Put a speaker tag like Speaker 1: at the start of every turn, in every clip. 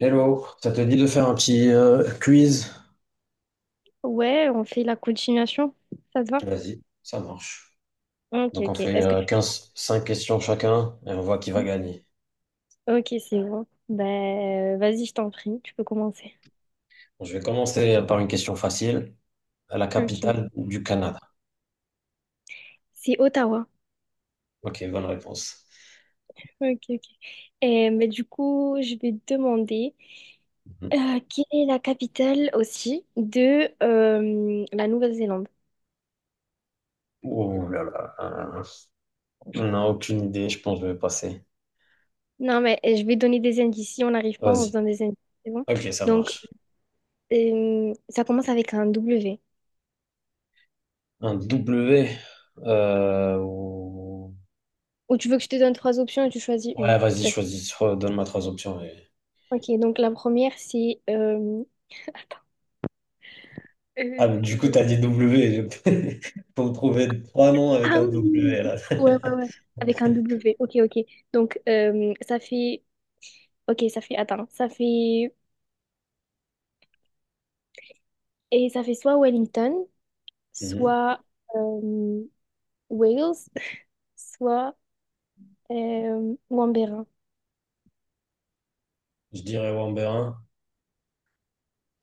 Speaker 1: Hello, ça te dit de faire un petit quiz?
Speaker 2: Ouais, on fait la continuation. Ça te va?
Speaker 1: Vas-y, ça marche.
Speaker 2: Ok,
Speaker 1: Donc on
Speaker 2: ok.
Speaker 1: fait
Speaker 2: Est-ce que tu...
Speaker 1: 15, 5 questions chacun et on voit qui va gagner.
Speaker 2: Ok, c'est bon. Ben, vas-y, je t'en prie, tu peux commencer.
Speaker 1: Bon, je vais commencer par une question facile. La
Speaker 2: Ok.
Speaker 1: capitale du Canada.
Speaker 2: C'est Ottawa.
Speaker 1: Ok, bonne réponse.
Speaker 2: Ok, ok. Et, mais du coup, je vais te demander
Speaker 1: Mhm.
Speaker 2: quelle est la capitale aussi de la Nouvelle-Zélande?
Speaker 1: Oh là là, on n'a aucune idée, je pense que je vais passer.
Speaker 2: Non, mais je vais donner des indices. Si on n'arrive pas, on se
Speaker 1: Vas-y.
Speaker 2: donne des indices. C'est bon?
Speaker 1: Ok, ça
Speaker 2: Donc,
Speaker 1: marche.
Speaker 2: ça commence avec un W.
Speaker 1: Un W. euh, ou-
Speaker 2: Ou tu veux que je te donne trois options et tu choisis une.
Speaker 1: Ouais, vas-y,
Speaker 2: Putain.
Speaker 1: choisis. Donne-moi trois options.
Speaker 2: Ok, donc la première, c'est Euh,
Speaker 1: Ah, mais du coup, t'as
Speaker 2: c'est-
Speaker 1: dit W. Faut me trouver trois noms avec
Speaker 2: ah
Speaker 1: un
Speaker 2: oui,
Speaker 1: W, là.
Speaker 2: ouais, ouais, ouais, avec un W. Ok, ok. Donc, ça fait, ok, ça fait, attends, ça fait, et ça fait soit Wellington,
Speaker 1: Mhm.
Speaker 2: soit euh, Wales, soit Wambérin.
Speaker 1: Je dirais Wamberin.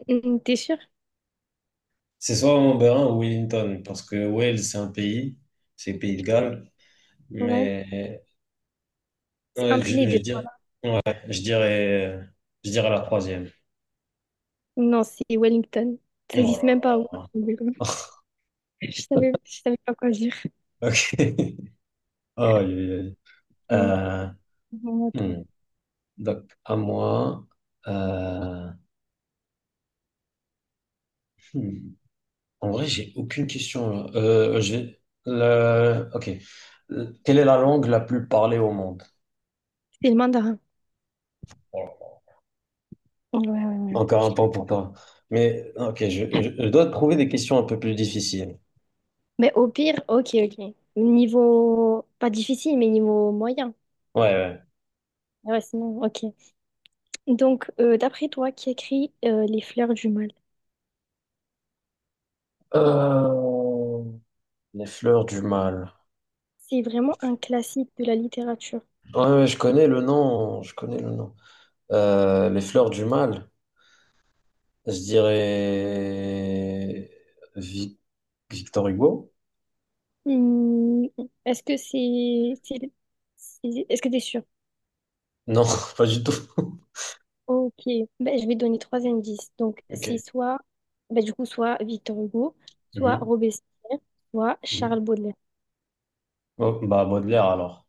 Speaker 2: Mm, t'es sûr?
Speaker 1: C'est soit Wamberin ou Wellington, parce que Wales, c'est un pays, c'est le pays de Galles.
Speaker 2: Ouais.
Speaker 1: Mais
Speaker 2: C'est
Speaker 1: ouais,
Speaker 2: entre les deux, voilà.
Speaker 1: je dirais, je dirais la troisième.
Speaker 2: Non, c'est Wellington. Ça
Speaker 1: Oh là
Speaker 2: existe même pas.
Speaker 1: là.
Speaker 2: Wambérin.
Speaker 1: Ok.
Speaker 2: Je savais pas quoi dire.
Speaker 1: Aïe, aïe, aïe.
Speaker 2: C'est
Speaker 1: Euh,
Speaker 2: vraiment à toi.
Speaker 1: hmm. Donc, à moi. Euh, hmm. En vrai, j'ai aucune question là. J'ai Ok. Quelle est la langue la plus parlée au monde?
Speaker 2: C'est le mandarin.
Speaker 1: Voilà.
Speaker 2: Ouais, ouais, ouais.
Speaker 1: Encore un point pour toi. Mais ok, je dois te trouver des questions un peu plus difficiles.
Speaker 2: Mais au pire, ok, ok. Niveau, pas difficile, mais niveau moyen.
Speaker 1: Ouais, ouais.
Speaker 2: Ah ouais, sinon, ok. Donc, d'après toi, qui écrit Les fleurs du mal?
Speaker 1: Euh, Les fleurs du mal.
Speaker 2: C'est vraiment un classique de la littérature.
Speaker 1: Ouais, ouais, je connais le nom. Je connais le nom. Les fleurs du mal. Je dirais Vic- Victor Hugo?
Speaker 2: Hmm, est-ce que c'est... Est-ce que t'es sûr?
Speaker 1: Non, pas du tout.
Speaker 2: Ok. Ben, je vais donner trois indices. Donc,
Speaker 1: Ok.
Speaker 2: c'est soit... ben, du coup, soit Victor Hugo, soit
Speaker 1: Mhm.
Speaker 2: Robespierre, soit
Speaker 1: Mhm.
Speaker 2: Charles Baudelaire.
Speaker 1: Bon, bah Baudelaire alors.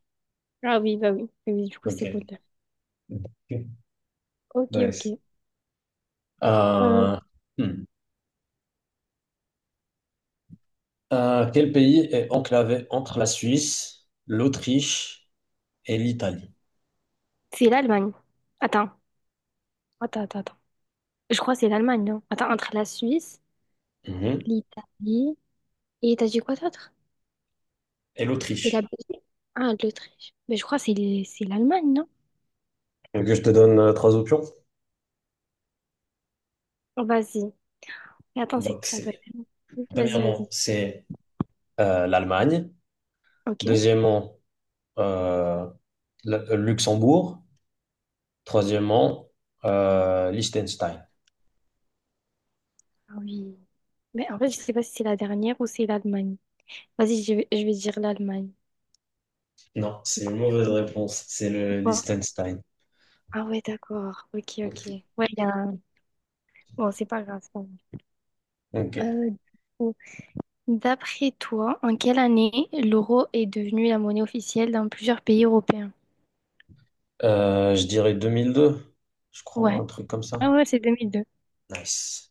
Speaker 2: Ah oui, bah oui. Oui, du coup,
Speaker 1: Ok.
Speaker 2: c'est Baudelaire.
Speaker 1: Ok.
Speaker 2: Ok,
Speaker 1: Nice.
Speaker 2: ok. Euh,
Speaker 1: Euh, hmm. Quel pays est enclavé entre la Suisse, l'Autriche et l'Italie?
Speaker 2: c'est l'Allemagne. Attends. Attends, attends, attends. Je crois que c'est l'Allemagne, non? Attends, entre la Suisse,
Speaker 1: Mhm.
Speaker 2: l'Italie et t'as dit quoi d'autre?
Speaker 1: Et
Speaker 2: Et la
Speaker 1: l'Autriche.
Speaker 2: Belgique? Ah, l'Autriche. Mais je crois que c'est c'est l'Allemagne, non?
Speaker 1: Tu veux Que je te donne trois options.
Speaker 2: Oh, vas-y. Mais attends, c'est
Speaker 1: Donc,
Speaker 2: ça doit
Speaker 1: c'est,
Speaker 2: être. Vas-y,
Speaker 1: premièrement,
Speaker 2: vas-y.
Speaker 1: c'est l'Allemagne.
Speaker 2: Ok.
Speaker 1: Deuxièmement, euh, le Luxembourg. Troisièmement, Liechtenstein.
Speaker 2: Ah oui. Mais en fait, je sais pas si c'est la dernière ou c'est l'Allemagne. Vas-y, je vais dire l'Allemagne.
Speaker 1: Non,
Speaker 2: C'est
Speaker 1: c'est une
Speaker 2: quoi?
Speaker 1: mauvaise réponse. C'est
Speaker 2: C'est
Speaker 1: le
Speaker 2: quoi?
Speaker 1: Liechtenstein.
Speaker 2: Ah ouais, d'accord. Ok, ok. Ouais. il y a... un- Bon, c'est pas grave, c'est pas grave.
Speaker 1: Ok.
Speaker 2: Du coup, d'après toi, en quelle année l'euro est devenu la monnaie officielle dans plusieurs pays européens?
Speaker 1: Je dirais 2002, je crois,
Speaker 2: Ouais.
Speaker 1: un truc comme ça.
Speaker 2: Ah ouais, c'est 2002.
Speaker 1: Nice.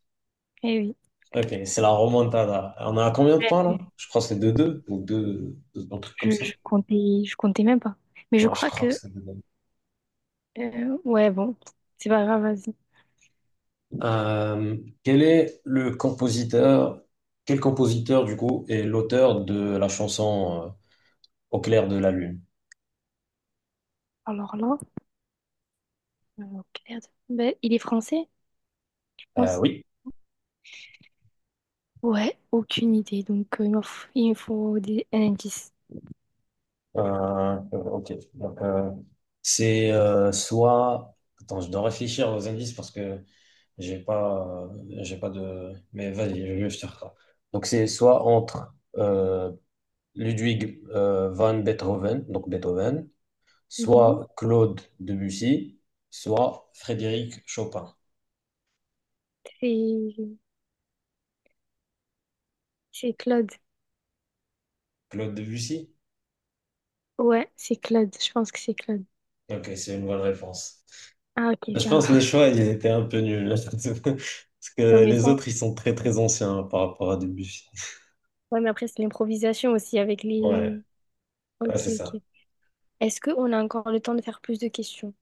Speaker 2: Eh oui.
Speaker 1: Ok, c'est la remontada. On a combien de points
Speaker 2: Ouais.
Speaker 1: là? Je crois que c'est 2-2 ou 2-1 truc comme
Speaker 2: Je,
Speaker 1: ça.
Speaker 2: je comptais, je comptais même pas. Mais je
Speaker 1: Non, je
Speaker 2: crois
Speaker 1: crois que
Speaker 2: que,
Speaker 1: c'est deux deux.
Speaker 2: ouais, bon, c'est pas grave, vas-y.
Speaker 1: Euh, quel est le compositeur, quel compositeur du coup est l'auteur de la chanson Au clair de la lune?
Speaker 2: Alors là, euh, merde. Ben, il est français, je
Speaker 1: Euh,
Speaker 2: pense.
Speaker 1: oui.
Speaker 2: Ouais, aucune idée. Donc, il me faut, un indice.
Speaker 1: Euh, ok. Donc, c'est soit. Attends, je dois réfléchir aux indices parce que j'ai pas, euh, j'ai pas de. Mais vas-y, je te rattrape. Donc c'est soit entre Ludwig van Beethoven, donc Beethoven,
Speaker 2: Mhm.
Speaker 1: soit Claude Debussy, soit Frédéric Chopin.
Speaker 2: C'est, c'est Claude.
Speaker 1: Claude Debussy?
Speaker 2: Ouais, c'est Claude. Je pense que c'est Claude.
Speaker 1: Ok, c'est une bonne réponse.
Speaker 2: Ah, ok,
Speaker 1: Je
Speaker 2: ça
Speaker 1: pense que les
Speaker 2: va.
Speaker 1: choix, ils étaient un peu nuls. Parce
Speaker 2: Non,
Speaker 1: que
Speaker 2: mais
Speaker 1: les
Speaker 2: ça,
Speaker 1: autres, ils sont très très anciens par rapport à Debussy.
Speaker 2: ouais, mais après, c'est l'improvisation aussi avec
Speaker 1: Ouais,
Speaker 2: les...
Speaker 1: ouais, c'est
Speaker 2: Ok,
Speaker 1: ça.
Speaker 2: ok. Est-ce qu'on a encore le temps de faire plus de questions?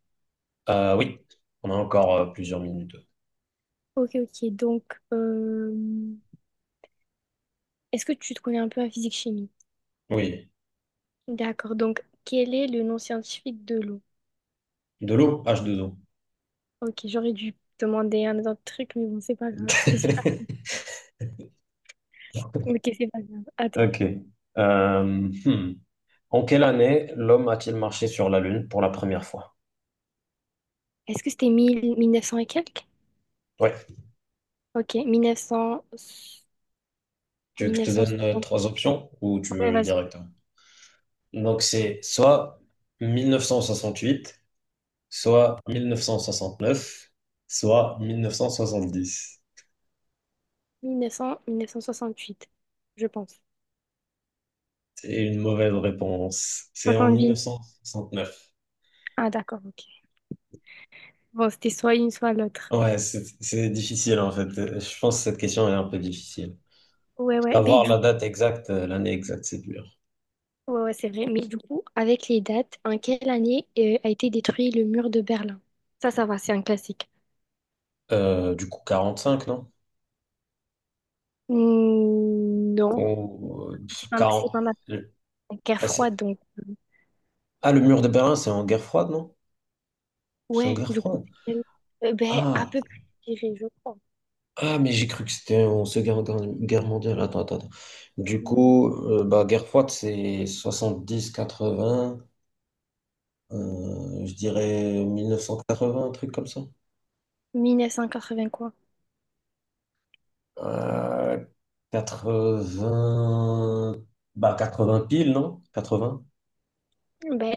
Speaker 1: Oui, on a encore plusieurs minutes.
Speaker 2: Ok, ok. Donc, euh, est-ce que tu te connais un peu en physique-chimie?
Speaker 1: Oui,
Speaker 2: D'accord. Donc, quel est le nom scientifique de l'eau?
Speaker 1: de l'eau, H2O.
Speaker 2: Ok, j'aurais dû demander un autre truc, mais bon, c'est pas grave. C'était super. Ok, c'est pas grave. Attends.
Speaker 1: Ok. Euh, hmm. En quelle année l'homme a-t-il marché sur la Lune pour la première fois?
Speaker 2: Est-ce que c'était mille mille neuf 1900 et quelques?
Speaker 1: Ouais.
Speaker 2: Ok,
Speaker 1: Tu veux que je te
Speaker 2: 1900...
Speaker 1: donne
Speaker 2: 1960.
Speaker 1: trois options ou tu
Speaker 2: Ouais,
Speaker 1: veux
Speaker 2: vas-y.
Speaker 1: directement. Donc c'est soit 1968, soit 1969, soit 1970.
Speaker 2: 1968, je pense.
Speaker 1: C'est une mauvaise réponse. C'est en
Speaker 2: 70.
Speaker 1: 1969.
Speaker 2: Ah, d'accord, ok. Bon, c'était soit une, soit l'autre.
Speaker 1: Ouais, c'est difficile en fait. Je pense que cette question est un peu difficile.
Speaker 2: Ouais, ouais. Mais
Speaker 1: Avoir
Speaker 2: du
Speaker 1: la
Speaker 2: coup,
Speaker 1: date exacte, l'année exacte, c'est dur.
Speaker 2: ouais, ouais, c'est vrai. Mais du coup, avec les dates, en quelle année a été détruit le mur de Berlin? Ça va, c'est un classique.
Speaker 1: Du coup, 45, non?
Speaker 2: Hmm, non.
Speaker 1: Ou
Speaker 2: C'est pas, c'est
Speaker 1: 40.
Speaker 2: pendant la guerre
Speaker 1: Ah,
Speaker 2: froide, donc,
Speaker 1: le mur de Berlin, c'est en guerre froide, non? C'est en
Speaker 2: ouais,
Speaker 1: guerre
Speaker 2: du coup,
Speaker 1: froide.
Speaker 2: ben, à
Speaker 1: Ah,
Speaker 2: peu près, je dirais, je crois.
Speaker 1: Ah, mais j'ai cru que c'était en Seconde Guerre, Guerre mondiale. Attends, attends, attends. Du
Speaker 2: Hmm,
Speaker 1: coup, bah, guerre froide, c'est 70-80, je dirais 1980, un truc comme ça.
Speaker 2: 1980, quoi.
Speaker 1: Euh, vingts Bah, 80 pile, non? 80
Speaker 2: Ben,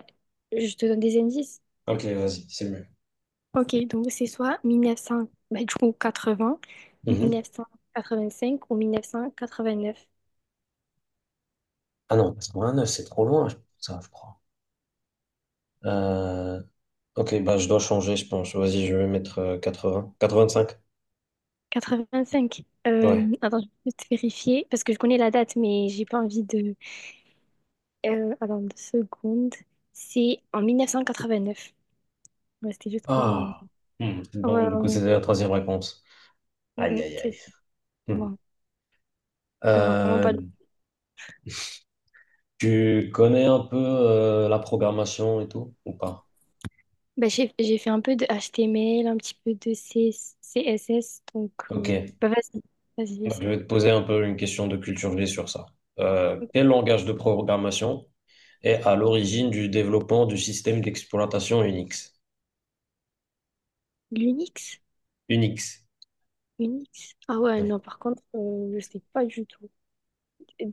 Speaker 2: je te donne des indices.
Speaker 1: Ok, vas-y, c'est mieux.
Speaker 2: Ok, donc c'est soit 1900, ben, du coup, 80,
Speaker 1: Mhm.
Speaker 2: 1985 ou 1989.
Speaker 1: Ah non, 89 c'est trop loin, ça, je crois. Euh, ok, bah, je dois changer, je pense. Vas-y, je vais mettre 80. 85
Speaker 2: 85.
Speaker 1: Ouais.
Speaker 2: Attends, je vais juste vérifier parce que je connais la date, mais j'ai pas envie de. Attends, deux secondes. C'est en 1989. Ouais, c'était juste pour.
Speaker 1: Ah. Hmm.
Speaker 2: Ouais,
Speaker 1: Donc, du
Speaker 2: ouais,
Speaker 1: coup,
Speaker 2: ouais.
Speaker 1: c'était la troisième réponse.
Speaker 2: Mm,
Speaker 1: Aïe,
Speaker 2: mm,
Speaker 1: aïe,
Speaker 2: c'est
Speaker 1: aïe. Hmm.
Speaker 2: bon. Faut vraiment pas.
Speaker 1: Euh, tu connais un peu la programmation et tout, ou pas?
Speaker 2: Bah, j'ai fait un peu de HTML, un petit peu de CSS, donc.
Speaker 1: Ok.
Speaker 2: Bah, vas-y, vas-y,
Speaker 1: Donc, je
Speaker 2: essaye.
Speaker 1: vais te poser un peu une question de culture G sur ça. Quel langage de programmation est à l'origine du développement du système d'exploitation Unix?
Speaker 2: L'Unix?
Speaker 1: Unix.
Speaker 2: Unix? Ah ouais,
Speaker 1: Ouais.
Speaker 2: non, par contre, je sais pas du tout.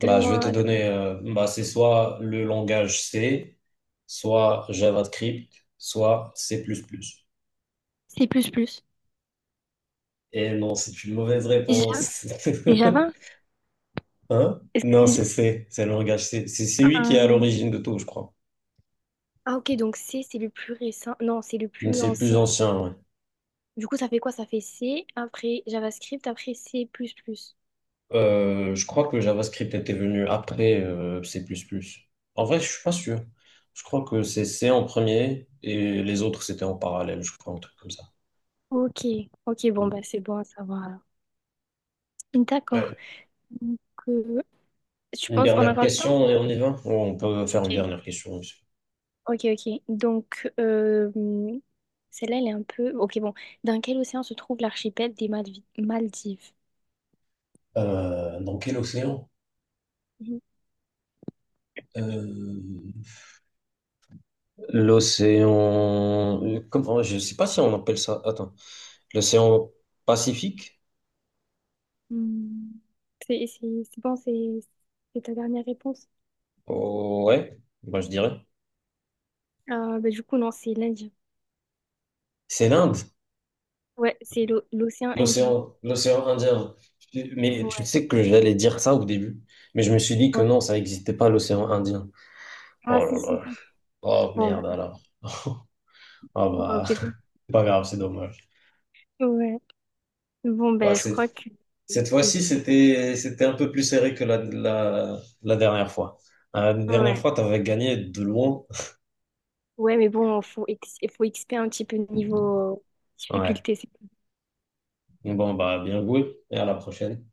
Speaker 1: Bah, je vais te donner, bah, c'est soit le langage C, soit JavaScript, soit C++.
Speaker 2: C'est plus plus.
Speaker 1: Et non, c'est une mauvaise
Speaker 2: C'est Java?
Speaker 1: réponse.
Speaker 2: C'est Java?
Speaker 1: Hein?
Speaker 2: Est-ce que
Speaker 1: Non,
Speaker 2: c'est
Speaker 1: c'est fait, c'est le langage. C'est lui qui est à
Speaker 2: Java?
Speaker 1: l'origine de tout, je crois.
Speaker 2: Ah ok, donc C, c'est le plus récent. Non, c'est le
Speaker 1: Donc
Speaker 2: plus
Speaker 1: c'est le plus
Speaker 2: ancien.
Speaker 1: ancien, ouais.
Speaker 2: Du coup, ça fait quoi? Ça fait C, après JavaScript, après C++.
Speaker 1: Je crois que le JavaScript était venu après C++. En vrai, je suis pas sûr. Je crois que c'est C en premier et les autres, c'était en parallèle, je crois, un truc comme ça.
Speaker 2: Ok, ok, bon,
Speaker 1: Mm.
Speaker 2: bah c'est bon à savoir alors. D'accord.
Speaker 1: Ouais.
Speaker 2: Donc, euh, je
Speaker 1: Une
Speaker 2: pense, on a
Speaker 1: dernière
Speaker 2: encore le temps?
Speaker 1: question et on y va? Ou on peut faire une
Speaker 2: Ok,
Speaker 1: dernière question aussi.
Speaker 2: ok, ok. Donc, celle-là, elle est un peu... Ok, bon. Dans quel océan se trouve l'archipel des Maldives?
Speaker 1: Dans quel océan?
Speaker 2: Mhm.
Speaker 1: Euh, L'océan, comment, je sais pas si on appelle ça, attends. L'océan Pacifique?
Speaker 2: Hmm. C'est bon, c'est ta dernière réponse?
Speaker 1: Oh, ouais, moi je dirais.
Speaker 2: Ah, bah, du coup, non, c'est l'Indien.
Speaker 1: C'est l'Inde,
Speaker 2: Ouais, c'est l'océan Indien.
Speaker 1: l'océan Indien. Mais tu
Speaker 2: Ouais.
Speaker 1: sais que j'allais dire ça au début, mais je me suis dit que non, ça n'existait pas l'océan Indien.
Speaker 2: Ah,
Speaker 1: Oh
Speaker 2: si,
Speaker 1: là
Speaker 2: si,
Speaker 1: là.
Speaker 2: si.
Speaker 1: Oh
Speaker 2: Bon, bah,
Speaker 1: merde alors. Ah
Speaker 2: bon,
Speaker 1: bah,
Speaker 2: c'est bon.
Speaker 1: c'est pas grave, c'est dommage.
Speaker 2: Ouais. Bon,
Speaker 1: Ouais,
Speaker 2: ben, je crois que.
Speaker 1: cette fois-ci, c'était un peu plus serré que la dernière fois. La dernière
Speaker 2: Ouais.
Speaker 1: fois, t'avais gagné de loin.
Speaker 2: Ouais, mais bon, faut, faut XP un petit peu niveau
Speaker 1: Ouais.
Speaker 2: difficulté. C'est
Speaker 1: Bon, bah, bien joué et à la prochaine.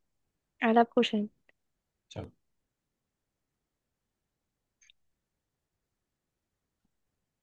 Speaker 2: À la prochaine.
Speaker 1: Ciao.